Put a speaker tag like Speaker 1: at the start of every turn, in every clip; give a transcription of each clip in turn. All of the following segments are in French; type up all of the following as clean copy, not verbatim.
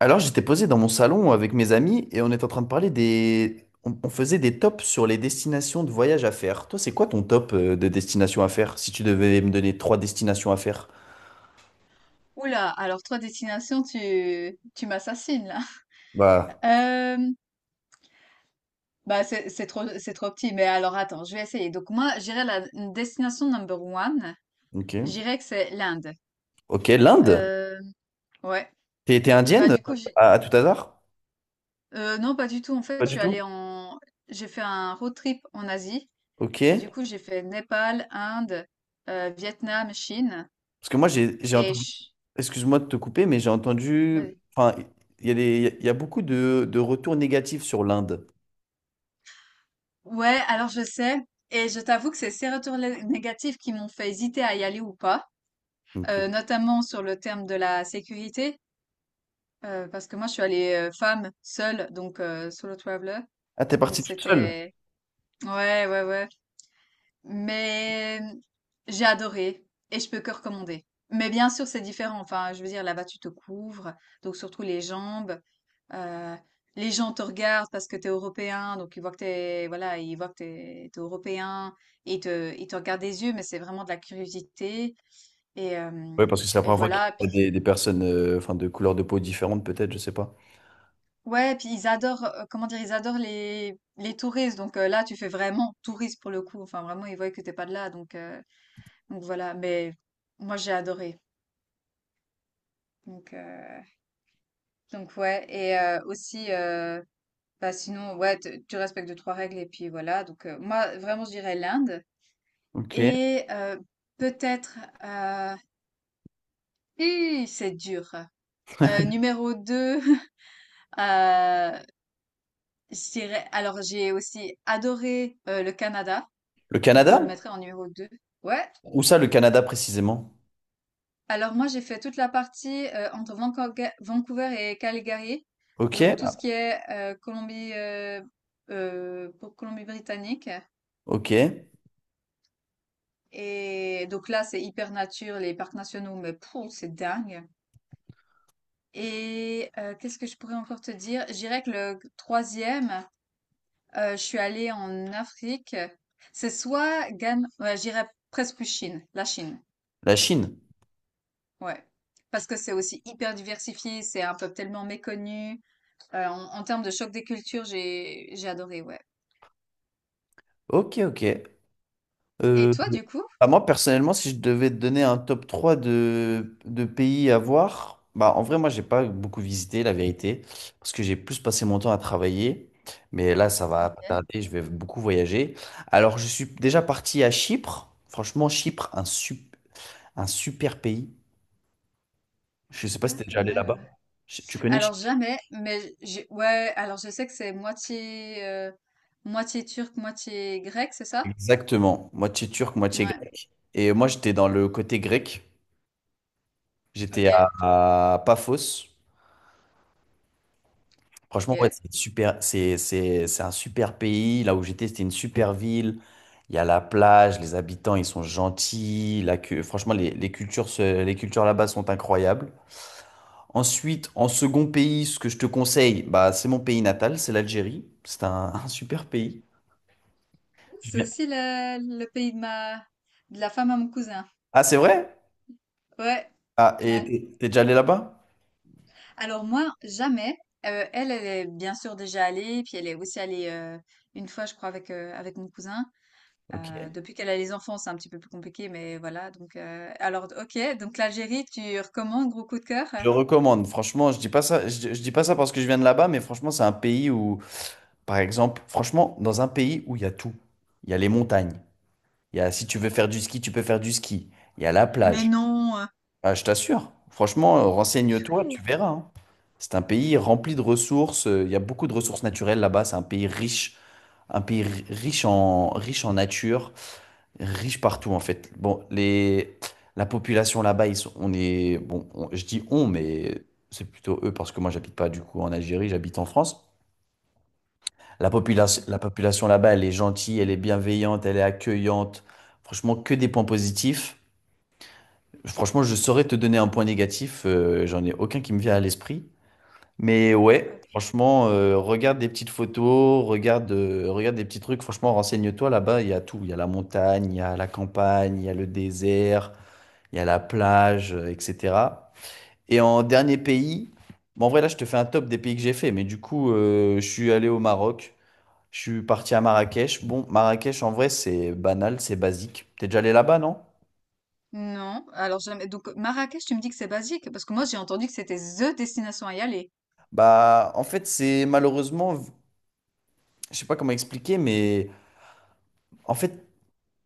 Speaker 1: Alors, j'étais posé dans mon salon avec mes amis et on était en train de parler des On faisait des tops sur les destinations de voyage à faire. Toi, c'est quoi ton top de destination à faire si tu devais me donner trois destinations à faire?
Speaker 2: Oula, alors trois destinations, tu m'assassines là.
Speaker 1: Bah,
Speaker 2: Euh, bah c'est trop petit, mais alors attends, je vais essayer. Donc moi, j'irai la destination number one.
Speaker 1: ok.
Speaker 2: J'irai que c'est l'Inde.
Speaker 1: Ok, l'Inde?
Speaker 2: Euh, ouais.
Speaker 1: T'es
Speaker 2: Bah
Speaker 1: indienne
Speaker 2: du coup, j'ai-
Speaker 1: à tout hasard?
Speaker 2: non, pas du tout. En fait,
Speaker 1: Pas
Speaker 2: je
Speaker 1: du
Speaker 2: suis
Speaker 1: tout.
Speaker 2: allée en, j'ai fait un road trip en Asie et
Speaker 1: Ok.
Speaker 2: du coup j'ai fait Népal, Inde, Vietnam, Chine
Speaker 1: Parce que moi, j'ai
Speaker 2: et
Speaker 1: entendu...
Speaker 2: je-
Speaker 1: Excuse-moi de te couper, mais j'ai entendu...
Speaker 2: vas-y.
Speaker 1: Enfin, il y a il y a beaucoup de retours négatifs sur l'Inde.
Speaker 2: Ouais, alors je sais. Et je t'avoue que c'est ces négatifs qui m'ont fait hésiter à y aller ou pas.
Speaker 1: Ok.
Speaker 2: Notamment sur le terme de la sécurité, parce que moi je suis allée femme seule, donc solo traveler,
Speaker 1: Ah, t'es
Speaker 2: donc
Speaker 1: parti toute seule?
Speaker 2: c'était ouais, ouais, ouais, mais mm, j'ai adoré et je peux que recommander. Mais bien sûr c'est différent, enfin je veux dire là-bas tu te couvres, donc surtout les jambes, euh, les gens te regardent parce que t'es européen, donc ils voient que t'es voilà ils voient que t'es européen et ils te regardent des yeux, mais c'est vraiment de la curiosité et
Speaker 1: Oui,
Speaker 2: euh,
Speaker 1: parce que c'est la
Speaker 2: et
Speaker 1: première fois qu'il
Speaker 2: voilà,
Speaker 1: y a
Speaker 2: puis
Speaker 1: des personnes enfin, de couleurs de peau différentes, peut-être, je sais pas.
Speaker 2: ouais, puis ils adorent, ils adorent les touristes. Là, tu fais vraiment touriste pour le coup. Enfin, vraiment, ils voient que t'es pas de là. Donc voilà. Mais moi, j'ai adoré. Donc, euh, donc ouais. Et aussi sinon, ouais, tu respectes deux, trois règles. Et puis voilà. Moi, vraiment, je dirais l'Inde.
Speaker 1: Ok.
Speaker 2: Et euh, Peut-être, euh, hi, c'est dur. Numéro deux. euh, je dirais, alors j'ai aussi adoré le Canada.
Speaker 1: Le
Speaker 2: Donc, je le
Speaker 1: Canada?
Speaker 2: mettrais en numéro 2. Ouais.
Speaker 1: Où ça, le Canada précisément?
Speaker 2: Alors, moi, j'ai fait toute la partie entre Vancouver et Calgary.
Speaker 1: Ok.
Speaker 2: Donc, tout
Speaker 1: Ah,
Speaker 2: ce qui est Colombie-Britannique.
Speaker 1: ok.
Speaker 2: Et donc là, c'est hyper nature, les parcs nationaux, mais pouh, c'est dingue. Qu'est-ce que je pourrais encore te dire? Je dirais que le troisième, je suis allée en Afrique. C'est soit Ghana, ouais, j'irais presque plus Chine, la Chine.
Speaker 1: La Chine?
Speaker 2: Ouais. Parce que c'est aussi hyper diversifié, c'est un peuple tellement méconnu. En termes de choc des cultures, j'ai adoré, ouais.
Speaker 1: Ok, ok.
Speaker 2: Et
Speaker 1: Euh,
Speaker 2: toi, du coup?
Speaker 1: bah, moi, personnellement, si je devais te donner un top 3 de pays à voir, bah, en vrai, moi, j'ai pas beaucoup visité, la vérité, parce que j'ai plus passé mon temps à travailler. Mais là, ça va pas tarder, je vais beaucoup voyager. Alors, je suis déjà parti à Chypre. Franchement, Chypre, un super pays. Je sais pas
Speaker 2: Ah,
Speaker 1: si t'es
Speaker 2: pas
Speaker 1: déjà allé
Speaker 2: mal,
Speaker 1: là-bas.
Speaker 2: ouais.
Speaker 1: Tu connais?
Speaker 2: Alors
Speaker 1: Chypre.
Speaker 2: jamais, ouais. Alors je sais que c'est moitié turc, moitié grec, c'est ça?
Speaker 1: Exactement. Moitié turc, moitié
Speaker 2: Ouais.
Speaker 1: grec. Et moi, j'étais dans le côté grec.
Speaker 2: Ok.
Speaker 1: J'étais à Paphos.
Speaker 2: Ok.
Speaker 1: Franchement, ouais, c'est super. C'est un super pays. Là où j'étais, c'était une super ville. Il y a la plage, les habitants, ils sont gentils. Franchement, les, les cultures là-bas sont incroyables. Ensuite, en second pays, ce que je te conseille, bah, c'est mon pays natal, c'est l'Algérie. C'est un, un super pays. Je
Speaker 2: C'est
Speaker 1: viens-
Speaker 2: aussi le pays de ma de la femme à mon cousin.
Speaker 1: Ah, c'est vrai?
Speaker 2: Ouais.
Speaker 1: Ah, et
Speaker 2: Ouais.
Speaker 1: t'es déjà allé là-bas?
Speaker 2: Alors moi, jamais. Elle est bien sûr déjà allée, puis elle est aussi allée une fois, je crois, avec mon cousin.
Speaker 1: Ok.
Speaker 2: Depuis qu'elle a les enfants, c'est un petit peu plus compliqué, mais voilà. Alors, ok. Donc, l'Algérie, tu recommandes, gros coup de cœur? euh
Speaker 1: Je recommande. Franchement, je dis pas ça, je dis pas ça parce que je viens de là-bas, mais franchement, c'est un pays où, par exemple, franchement, dans un pays où il y a tout. Il y a les montagnes. Il y a, si tu veux faire du ski, tu peux faire du ski. Il y a la
Speaker 2: Mais
Speaker 1: plage.
Speaker 2: non,
Speaker 1: Ah, je t'assure. Franchement, renseigne-toi, tu verras, hein. C'est un pays rempli de ressources. Il y a beaucoup de ressources naturelles là-bas. C'est un pays riche, un pays riche en, riche en nature, riche partout en fait. Bon, les, la population là-bas, on est, bon, je dis on, mais c'est plutôt eux parce que moi j'habite pas du coup en Algérie, j'habite en France. La population là-bas, elle est gentille, elle est bienveillante, elle est accueillante. Franchement, que des points positifs. Franchement, je saurais te donner un point négatif, j'en ai aucun qui me vient à l'esprit. Mais
Speaker 2: ah,
Speaker 1: ouais, franchement, regarde des petites photos, regarde, regarde des petits trucs. Franchement, renseigne-toi, là-bas il y a tout. Il y a la montagne, il y a la campagne, il y a le désert, il y a la plage, etc. Et en dernier pays, bon, en vrai, là, je te fais un top des pays que j'ai fait. Mais du coup, je suis allé au Maroc, je suis parti à Marrakech. Bon, Marrakech, en vrai, c'est banal, c'est basique. T'es déjà allé là-bas, non?
Speaker 2: non. Alors, jamais. Donc, Marrakech, tu me dis que c'est basique, parce que moi, j'ai entendu que c'était the destination à y aller.
Speaker 1: Bah, en fait, c'est malheureusement, je sais pas comment expliquer, mais. En fait,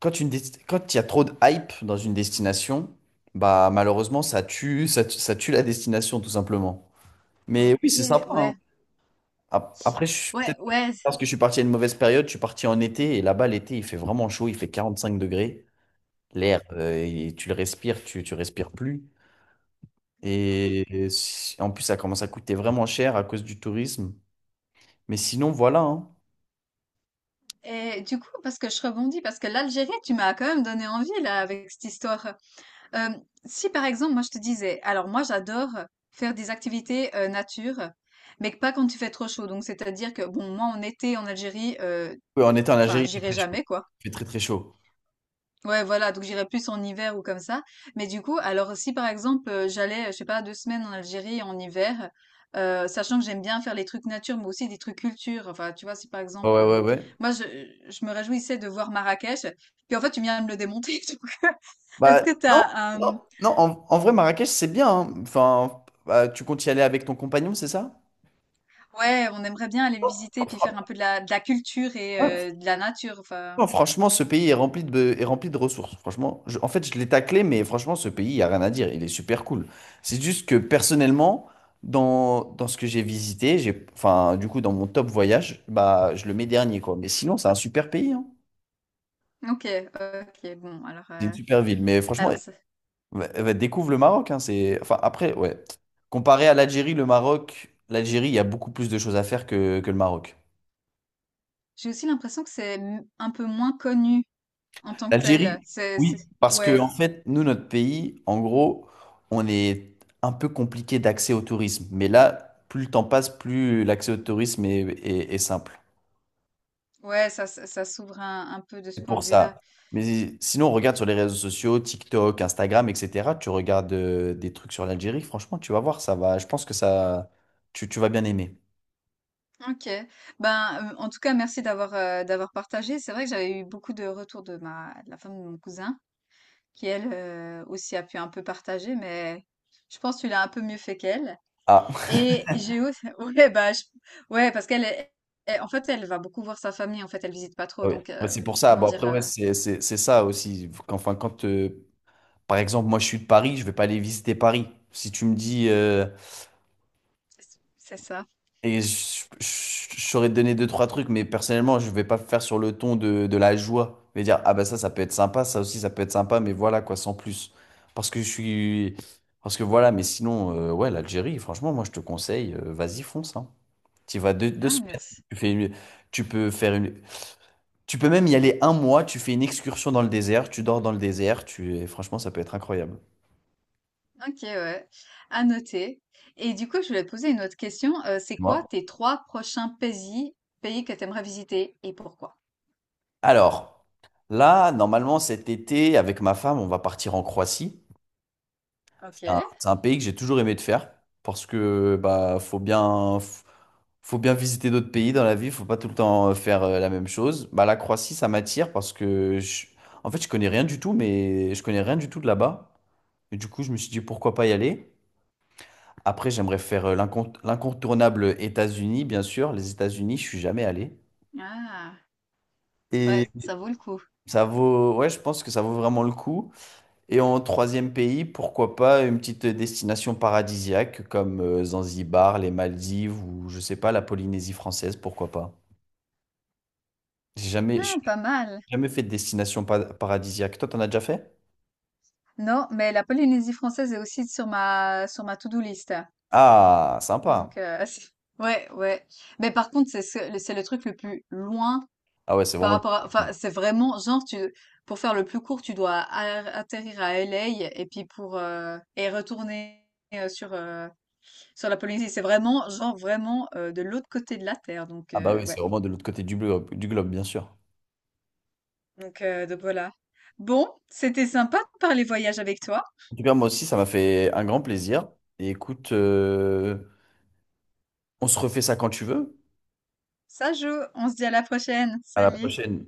Speaker 1: quand une quand il y a trop de hype dans une destination, bah malheureusement ça tue, ça tue la destination tout simplement. Mais oui, c'est
Speaker 2: Ok,
Speaker 1: sympa, hein.
Speaker 2: ouais,
Speaker 1: Après, je suis
Speaker 2: ouais,
Speaker 1: peut-être
Speaker 2: ouais.
Speaker 1: parce que je suis parti à une mauvaise période, je suis parti en été et là-bas l'été il fait vraiment chaud, il fait 45 degrés. L'air,
Speaker 2: Ok.
Speaker 1: et tu le respires, tu respires plus. Et en plus ça commence à coûter vraiment cher à cause du tourisme. Mais sinon voilà, hein.
Speaker 2: Et du coup, parce que je rebondis, parce que l'Algérie, tu m'as quand même donné envie, là, avec cette histoire. Euh, si par exemple, moi je te disais, alors moi j'adore faire des activités nature, mais pas quand il fait trop chaud. Donc c'est-à-dire que bon, moi en été en Algérie,
Speaker 1: Oui, en été en
Speaker 2: enfin
Speaker 1: Algérie il fait
Speaker 2: j'irai
Speaker 1: très chaud.
Speaker 2: jamais quoi.
Speaker 1: Il fait très très chaud.
Speaker 2: Ouais, voilà, donc j'irai plus en hiver ou comme ça. Mais du coup, alors si par exemple j'allais, je sais pas, deux semaines en Algérie en hiver, sachant que j'aime bien faire les trucs nature, mais aussi des trucs culture. Enfin, tu vois, si par
Speaker 1: Ouais
Speaker 2: exemple,
Speaker 1: ouais ouais, ouais.
Speaker 2: moi je, je me réjouissais de voir Marrakech, puis en fait tu viens de me le démonter. Donc, est-ce
Speaker 1: Bah,
Speaker 2: que
Speaker 1: non,
Speaker 2: t'as
Speaker 1: non,
Speaker 2: un
Speaker 1: non, en, en vrai, Marrakech, c'est bien, hein. Enfin, bah, tu comptes y aller avec ton compagnon, c'est ça?
Speaker 2: Ouais, on aimerait bien aller visiter puis
Speaker 1: Fran-
Speaker 2: faire un peu de la culture
Speaker 1: ouais,
Speaker 2: et de la nature, enfin
Speaker 1: non, franchement, ce pays est rempli de ressources. Franchement, en fait, je l'ai taclé, mais franchement, ce pays, il n'y a rien à dire. Il est super cool. C'est juste que personnellement, dans, dans ce que j'ai visité, j'ai, enfin, du coup, dans mon top voyage, bah, je le mets dernier, quoi. Mais sinon, c'est un super pays, hein.
Speaker 2: ok, ok, bon
Speaker 1: C'est une super ville. Mais franchement,
Speaker 2: alors ça
Speaker 1: bah, bah, découvre le Maroc, hein, c'est... Enfin, après, ouais. Comparé à l'Algérie, le Maroc, l'Algérie, il y a beaucoup plus de choses à faire que le Maroc.
Speaker 2: j'ai aussi l'impression que c'est m un peu moins connu en tant que tel.
Speaker 1: L'Algérie,
Speaker 2: C'est
Speaker 1: oui,
Speaker 2: c'est
Speaker 1: parce que, en
Speaker 2: ouais,
Speaker 1: fait, nous, notre pays, en gros, on est un peu compliqué d'accès au tourisme. Mais là, plus le temps passe, plus l'accès au tourisme est, est simple.
Speaker 2: ouais, ça s'ouvre un peu de ce
Speaker 1: C'est
Speaker 2: point
Speaker 1: pour
Speaker 2: de vue-là.
Speaker 1: ça. Mais sinon, on regarde sur les réseaux sociaux, TikTok, Instagram, etc. Tu regardes des trucs sur l'Algérie, franchement, tu vas voir, ça va. Je pense que ça, tu vas bien aimer.
Speaker 2: Ok. Ben, en tout cas merci d'avoir, d'avoir partagé. C'est vrai que j'avais eu beaucoup de retours de ma de la femme de mon cousin qui elle, aussi a pu un peu partager, mais je pense que tu l'as un peu mieux fait qu'elle.
Speaker 1: Ah,
Speaker 2: Et Géo, ouais, ouais, parce qu'elle, en fait, elle va beaucoup voir sa famille. En fait, elle visite pas trop,
Speaker 1: oui, ouais, c'est pour ça.
Speaker 2: comment
Speaker 1: Bon,
Speaker 2: dire,
Speaker 1: après, ouais,
Speaker 2: euh,
Speaker 1: c'est ça aussi. Enfin, quand, par exemple, moi, je suis de Paris, je vais pas aller visiter Paris. Si tu me dis,
Speaker 2: c'est ça.
Speaker 1: et je saurais te donner deux, trois trucs, mais personnellement, je vais pas faire sur le ton de la joie. Je vais dire, ah bah ça, ça peut être sympa, ça aussi, ça peut être sympa, mais voilà, quoi, sans plus. Parce que je suis... Parce que voilà, mais sinon, ouais, l'Algérie, franchement, moi, je te conseille, vas-y, fonce, hein. Tu vas deux, deux
Speaker 2: Ah,
Speaker 1: semaines,
Speaker 2: merci.
Speaker 1: tu fais une- tu peux faire une, tu peux même y aller 1 mois, tu fais une excursion dans le désert, tu dors dans le désert, tu... et franchement, ça peut être incroyable.
Speaker 2: Ok, ouais, à noter. Et du coup, je voulais te poser une autre question. C'est
Speaker 1: Moi.
Speaker 2: quoi tes trois prochains pays, pays que tu aimerais visiter et pourquoi?
Speaker 1: Alors, là, normalement, cet été, avec ma femme, on va partir en Croatie.
Speaker 2: Ok.
Speaker 1: C'est un pays que j'ai toujours aimé de faire, parce que faut bien visiter d'autres pays dans la vie, faut pas tout le temps faire la même chose. Bah, la Croatie, ça m'attire parce que, en fait, je connais rien du tout, mais je connais rien du tout de là-bas. Et du coup, je me suis dit, pourquoi pas y aller? Après, j'aimerais faire l'incontournable États-Unis, bien sûr. Les États-Unis, je suis jamais allé.
Speaker 2: Ah,
Speaker 1: Et
Speaker 2: ouais, ça vaut le coup.
Speaker 1: ça vaut, ouais, je pense que ça vaut vraiment le coup. Et en troisième pays, pourquoi pas une petite destination paradisiaque comme Zanzibar, les Maldives ou je sais pas, la Polynésie française, pourquoi pas.
Speaker 2: Ah,
Speaker 1: J'ai
Speaker 2: pas mal.
Speaker 1: jamais fait de destination paradisiaque. Toi, t'en as déjà fait?
Speaker 2: Non, mais la Polynésie française est aussi sur ma to-do list.
Speaker 1: Ah,
Speaker 2: Donc,
Speaker 1: sympa.
Speaker 2: ouais, ouais. Mais par contre, c'est le truc le plus loin
Speaker 1: Ah ouais, c'est
Speaker 2: par
Speaker 1: vraiment le...
Speaker 2: rapport à, enfin, c'est vraiment, genre, tu, pour faire le plus court, tu dois atterrir à LA et puis pour, et retourner euh, sur, euh, sur la Polynésie. C'est vraiment, genre, vraiment de l'autre côté de la Terre. Donc,
Speaker 1: Ah bah oui, c'est
Speaker 2: ouais.
Speaker 1: vraiment de l'autre côté du globe, bien sûr.
Speaker 2: Donc voilà. Bon, c'était sympa de parler voyage avec toi.
Speaker 1: En tout cas, moi aussi, ça m'a fait un grand plaisir. Et écoute, on se refait ça quand tu veux.
Speaker 2: Ça joue. On se dit à la prochaine.
Speaker 1: À la
Speaker 2: Salut.
Speaker 1: prochaine.